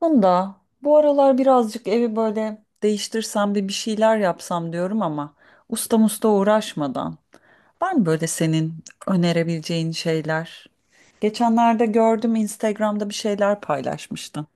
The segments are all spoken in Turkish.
Bunda bu aralar birazcık evi böyle değiştirsem de bir şeyler yapsam diyorum ama usta musta uğraşmadan. Var mı böyle senin önerebileceğin şeyler? Geçenlerde gördüm Instagram'da bir şeyler paylaşmıştın.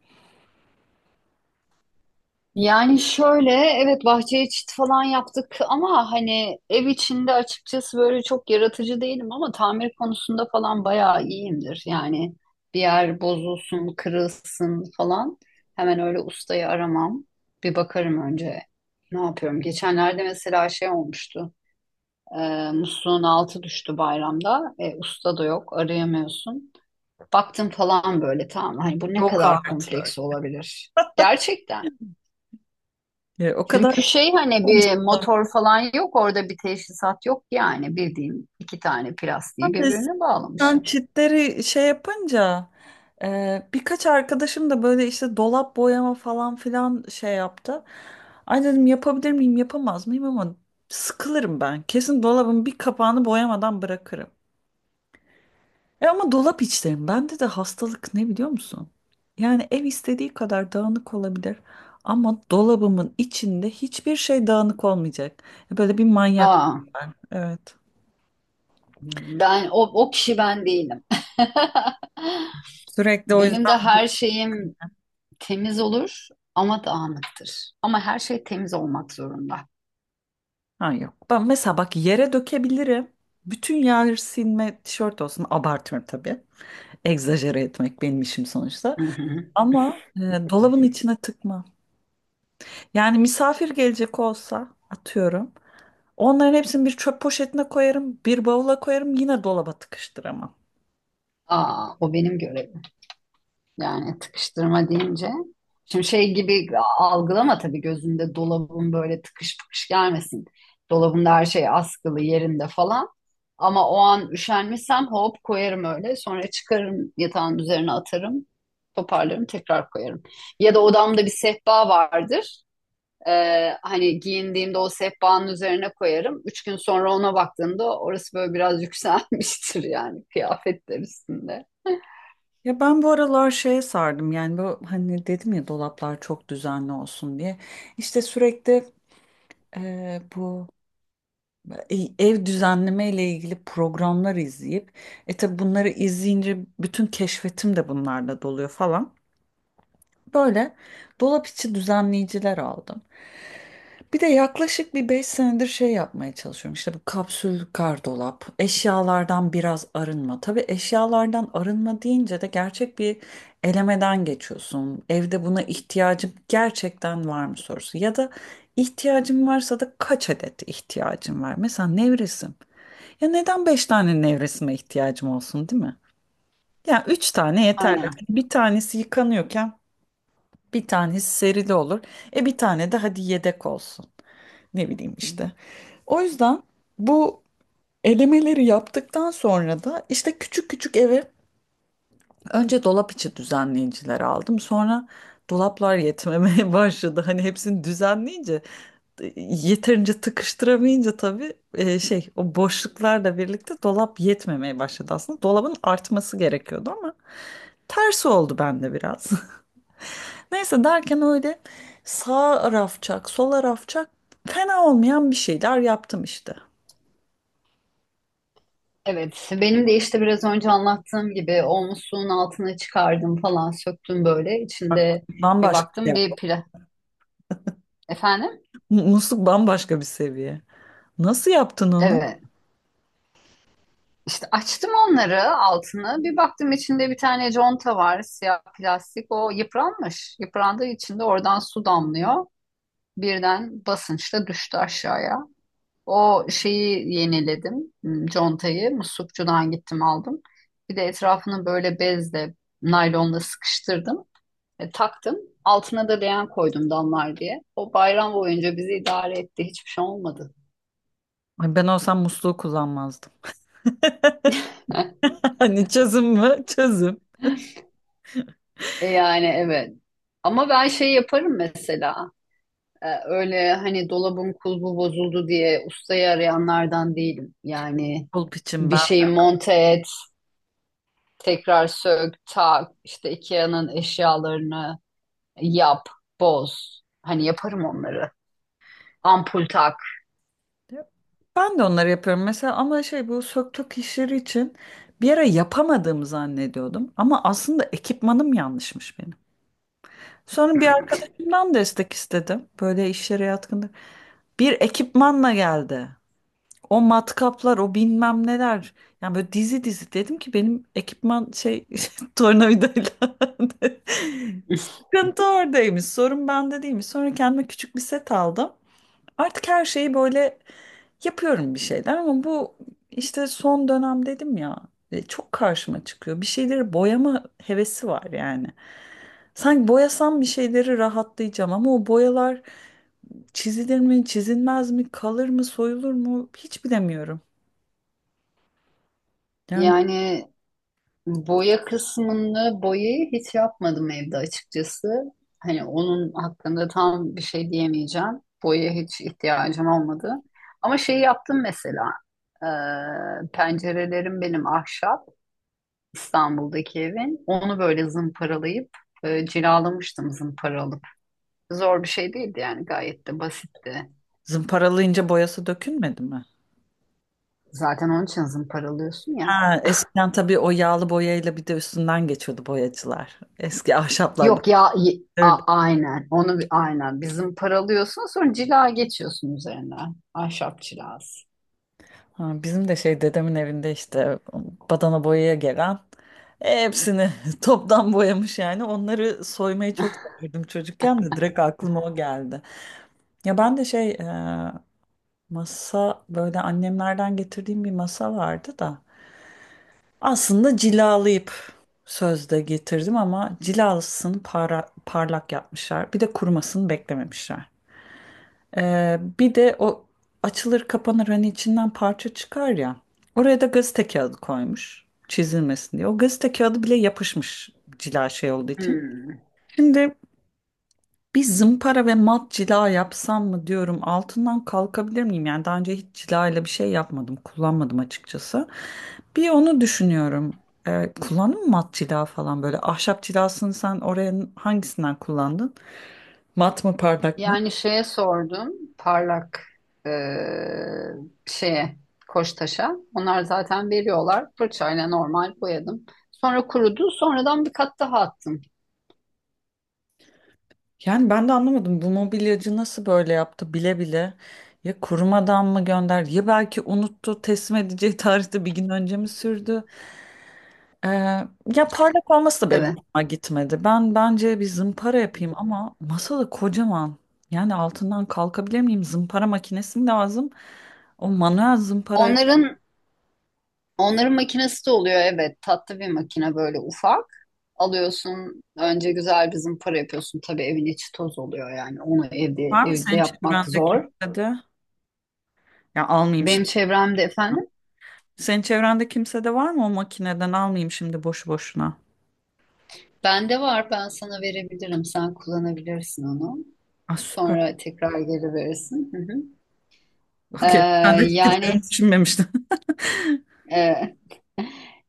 Yani şöyle, evet, bahçeye çit falan yaptık ama hani ev içinde açıkçası böyle çok yaratıcı değilim ama tamir konusunda falan bayağı iyiyimdir. Yani bir yer bozulsun, kırılsın falan hemen öyle ustayı aramam. Bir bakarım önce ne yapıyorum. Geçenlerde mesela şey olmuştu. Musluğun altı düştü bayramda. Usta da yok, arayamıyorsun. Baktım falan, böyle tamam, hani bu ne Yok kadar artık. kompleks olabilir. Gerçekten. O kadar Çünkü şey, hani bir motor falan yok orada, bir teşhisat yok, yani bildiğin iki tane plastiği konuştum. birbirine Ben bağlamışım. çitleri şey yapınca birkaç arkadaşım da böyle işte dolap boyama falan filan şey yaptı. Ay dedim yapabilir miyim yapamaz mıyım ama sıkılırım ben. Kesin dolabın bir kapağını boyamadan bırakırım. E ama dolap içlerim. Bende de hastalık ne biliyor musun? Yani ev istediği kadar dağınık olabilir ama dolabımın içinde hiçbir şey dağınık olmayacak. Böyle bir manyak Aa, ben. Evet. ben o kişi ben değilim. Sürekli o Benim de yüzden. her şeyim temiz olur ama dağınıktır. Ama her şey temiz olmak zorunda. Ha yok. Ben mesela bak yere dökebilirim. Bütün yer silme tişört olsun. Abartıyorum tabii. Egzajere etmek benim işim sonuçta. Hı hı. Ama dolabın içine tıkma. Yani misafir gelecek olsa atıyorum. Onların hepsini bir çöp poşetine koyarım. Bir bavula koyarım. Yine dolaba tıkıştıramam. Aa, o benim görevim. Yani tıkıştırma deyince. Şimdi şey gibi algılama tabii, gözünde dolabın böyle tıkış tıkış gelmesin. Dolabımda her şey askılı, yerinde falan. Ama o an üşenmişsem hop koyarım öyle. Sonra çıkarım, yatağın üzerine atarım. Toparlarım, tekrar koyarım. Ya da odamda bir sehpa vardır. Hani giyindiğimde o sehpanın üzerine koyarım. Üç gün sonra ona baktığımda orası böyle biraz yükselmiştir, yani kıyafetler üstünde. Ya ben bu aralar şeye sardım. Yani bu hani dedim ya dolaplar çok düzenli olsun diye. İşte sürekli e, bu ev düzenleme ile ilgili programlar izleyip tabi bunları izleyince bütün keşfetim de bunlarla doluyor falan. Böyle dolap içi düzenleyiciler aldım. Bir de yaklaşık bir 5 senedir şey yapmaya çalışıyorum. İşte bu kapsül gardırop, eşyalardan biraz arınma. Tabii eşyalardan arınma deyince de gerçek bir elemeden geçiyorsun. Evde buna ihtiyacım gerçekten var mı sorusu. Ya da ihtiyacım varsa da kaç adet ihtiyacım var? Mesela nevresim. Ya neden beş tane nevresime ihtiyacım olsun, değil mi? Ya üç tane yeterli. Aynen. Hani bir tanesi yıkanıyorken bir tanesi serili olur. E bir tane de hadi yedek olsun. Ne bileyim işte. O yüzden bu elemeleri yaptıktan sonra da işte küçük küçük eve önce dolap içi düzenleyiciler aldım. Sonra dolaplar yetmemeye başladı. Hani hepsini düzenleyince yeterince tıkıştıramayınca tabii şey o boşluklarla birlikte dolap yetmemeye başladı aslında. Dolabın artması gerekiyordu ama tersi oldu bende biraz. Neyse derken öyle sağ rafçak, sola rafçak fena olmayan bir şeyler yaptım işte. Evet, benim de işte biraz önce anlattığım gibi o musluğun altına çıkardım falan, söktüm böyle. Bak, İçinde bir bambaşka baktım, ya. bir pla... Efendim? Musluk bambaşka bir seviye. Nasıl yaptın onu? Evet. İşte açtım onları, altını. Bir baktım, içinde bir tane conta var, siyah plastik. O yıpranmış. Yıprandığı için de oradan su damlıyor. Birden basınçla düştü aşağıya. O şeyi yeniledim. Contayı muslukçudan gittim aldım. Bir de etrafını böyle bezle, naylonla sıkıştırdım. Taktım. Altına da leğen koydum damlar diye. O bayram boyunca bizi idare etti. Hiçbir şey olmadı. Ay, ben olsam musluğu kullanmazdım. Hani çözüm mü? Çözüm. Yani evet. Ama ben şey yaparım mesela. Öyle hani dolabın kulbu bozuldu diye ustayı arayanlardan değilim. Yani Pulp için bir ben. şeyi monte et, tekrar sök, tak, işte IKEA'nın eşyalarını yap, boz. Hani yaparım onları. Ampul tak. Ben de onları yapıyorum mesela ama şey bu söktük işleri için bir ara yapamadığımı zannediyordum ama aslında ekipmanım yanlışmış benim. Sonra bir arkadaşımdan destek istedim. Böyle işlere yatkındır. Bir ekipmanla geldi. O matkaplar, o bilmem neler. Yani böyle dizi dizi dedim ki benim ekipman şey tornavidayla. Sıkıntı oradaymış. Sorun bende değilmiş. Sonra kendime küçük bir set aldım. Artık her şeyi böyle yapıyorum bir şeyler ama bu işte son dönem dedim ya, çok karşıma çıkıyor. Bir şeyleri boyama hevesi var yani. Sanki boyasam bir şeyleri rahatlayacağım ama o boyalar çizilir mi, çizilmez mi, kalır mı, soyulur mu hiç bilemiyorum. Yani Yani boya kısmını, boyayı hiç yapmadım evde açıkçası. Hani onun hakkında tam bir şey diyemeyeceğim. Boya hiç ihtiyacım olmadı. Ama şeyi yaptım mesela. Pencerelerim benim ahşap. İstanbul'daki evin. Onu böyle zımparalayıp cilalamıştım, zımparalıp. Zor bir şey değildi, yani gayet de basitti. zımparalayınca boyası dökülmedi mi? Zaten onun için zımparalıyorsun ya. Ha, eskiden tabii o yağlı boyayla bir de üstünden geçiyordu boyacılar. Eski ahşaplardan. Yok ya, aynen onu, aynen bizim paralıyorsun, sonra cila geçiyorsun üzerine, ahşap cilası. Ha, bizim de şey dedemin evinde işte badana boyaya gelen hepsini toptan boyamış yani. Onları soymayı çok severdim çocukken de direkt aklıma o geldi. Ya ben de şey masa böyle annemlerden getirdiğim bir masa vardı da aslında cilalayıp sözde getirdim ama cilasını parlak yapmışlar. Bir de kurumasını beklememişler. Bir de o açılır kapanır hani içinden parça çıkar ya. Oraya da gazete kağıdı koymuş çizilmesin diye. O gazete kağıdı bile yapışmış cila şey olduğu için. Hmm. Şimdi bir zımpara ve mat cila yapsam mı diyorum, altından kalkabilir miyim? Yani daha önce hiç cila ile bir şey yapmadım, kullanmadım açıkçası. Bir onu düşünüyorum. Kullandın mı mat cila falan, böyle ahşap cilasını sen oraya hangisinden kullandın? Mat mı, parlak mı? Yani şeye sordum, parlak, eee, şeye, Koçtaş'a, onlar zaten veriyorlar, fırçayla normal boyadım. Sonra kurudu, sonradan bir kat daha attım. Yani ben de anlamadım bu mobilyacı nasıl böyle yaptı bile bile, ya kurumadan mı gönderdi, ya belki unuttu teslim edeceği tarihte bir gün önce mi sürdü? Ee, Ya parlak olması da benim Evet, hoşuma gitmedi. Ben bence bir zımpara yapayım ama masada kocaman, yani altından kalkabilir miyim? Zımpara makinesi mi lazım? O manuel zımpara onların onların makinesi de oluyor, evet. Tatlı bir makine, böyle ufak. Alıyorsun, önce güzel bir zımpara yapıyorsun. Tabii evin içi toz oluyor yani. Onu var mı evde senin yapmak çevrende zor. kimsede? Ya almayayım Benim şimdi. çevremde efendim. Senin çevrende kimsede var mı o makineden, almayayım şimdi boşu boşuna. Bende var, ben sana verebilirim. Sen kullanabilirsin onu. Ah, süper. Sonra tekrar geri verirsin. Hı hı. Ee, Okey. Ben de çıkacağını yani düşünmemiştim. e,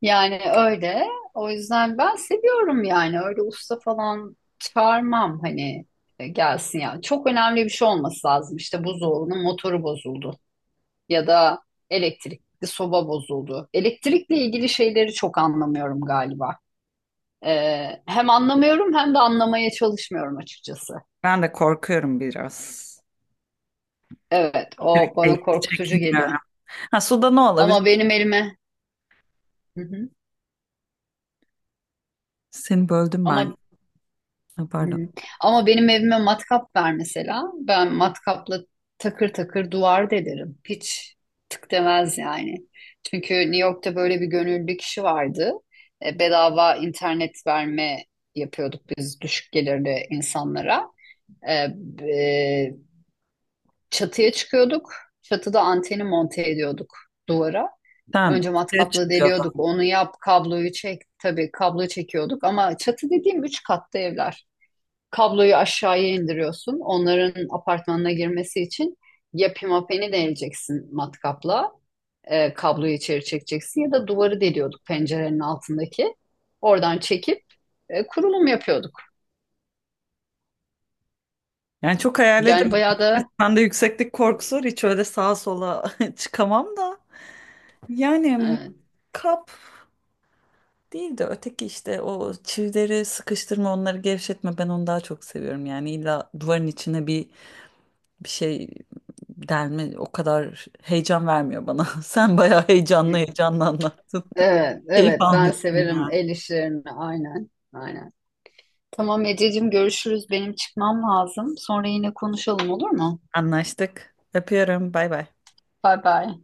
Yani öyle. O yüzden ben seviyorum yani. Öyle usta falan çağırmam, hani gelsin ya. Çok önemli bir şey olması lazım. İşte buzdolabının motoru bozuldu ya da elektrikli soba bozuldu. Elektrikle ilgili şeyleri çok anlamıyorum galiba. Hem anlamıyorum hem de anlamaya çalışmıyorum açıkçası. Ben de korkuyorum biraz. Evet, o Elektrikle bana ilgili korkutucu geliyor. çekiniyorum. Ha suda ne olabilir? Ama benim elime, hı hı. Seni böldüm ben. Ama Ha, hı pardon. hı. Ama benim evime matkap ver mesela. Ben matkapla takır takır duvar delerim. Hiç tık demez yani. Çünkü New York'ta böyle bir gönüllü kişi vardı. Bedava internet verme yapıyorduk biz, düşük gelirli insanlara. E, e, Çatıya çıkıyorduk. Çatıda anteni monte ediyorduk duvara. Tamam. Önce Suya matkapla çıkıyordu. deliyorduk. Onu yap, kabloyu çek. Tabii kablo çekiyorduk ama çatı dediğim üç katlı evler, kabloyu aşağıya indiriyorsun. Onların apartmanına girmesi için ya pimapeni deleceksin matkapla, kabloyu içeri çekeceksin, ya da duvarı deliyorduk pencerenin altındaki. Oradan çekip kurulum yapıyorduk. Yani çok Yani hayalledim. bayağı da Ben de yükseklik korkusu var. Hiç öyle sağa sola çıkamam da. Yani e, kap değil de öteki işte o çivileri sıkıştırma, onları gevşetme, ben onu daha çok seviyorum. Yani illa duvarın içine bir bir şey delme o kadar heyecan vermiyor bana. Sen bayağı heyecanlı heyecanlı anlattın. evet, Keyif evet, ben almıyorum severim yani. el işlerini, aynen aynen. Tamam Ececiğim, görüşürüz. Benim çıkmam lazım. Sonra yine konuşalım, olur mu? Anlaştık. Öpüyorum. Bay bay. Bay bay.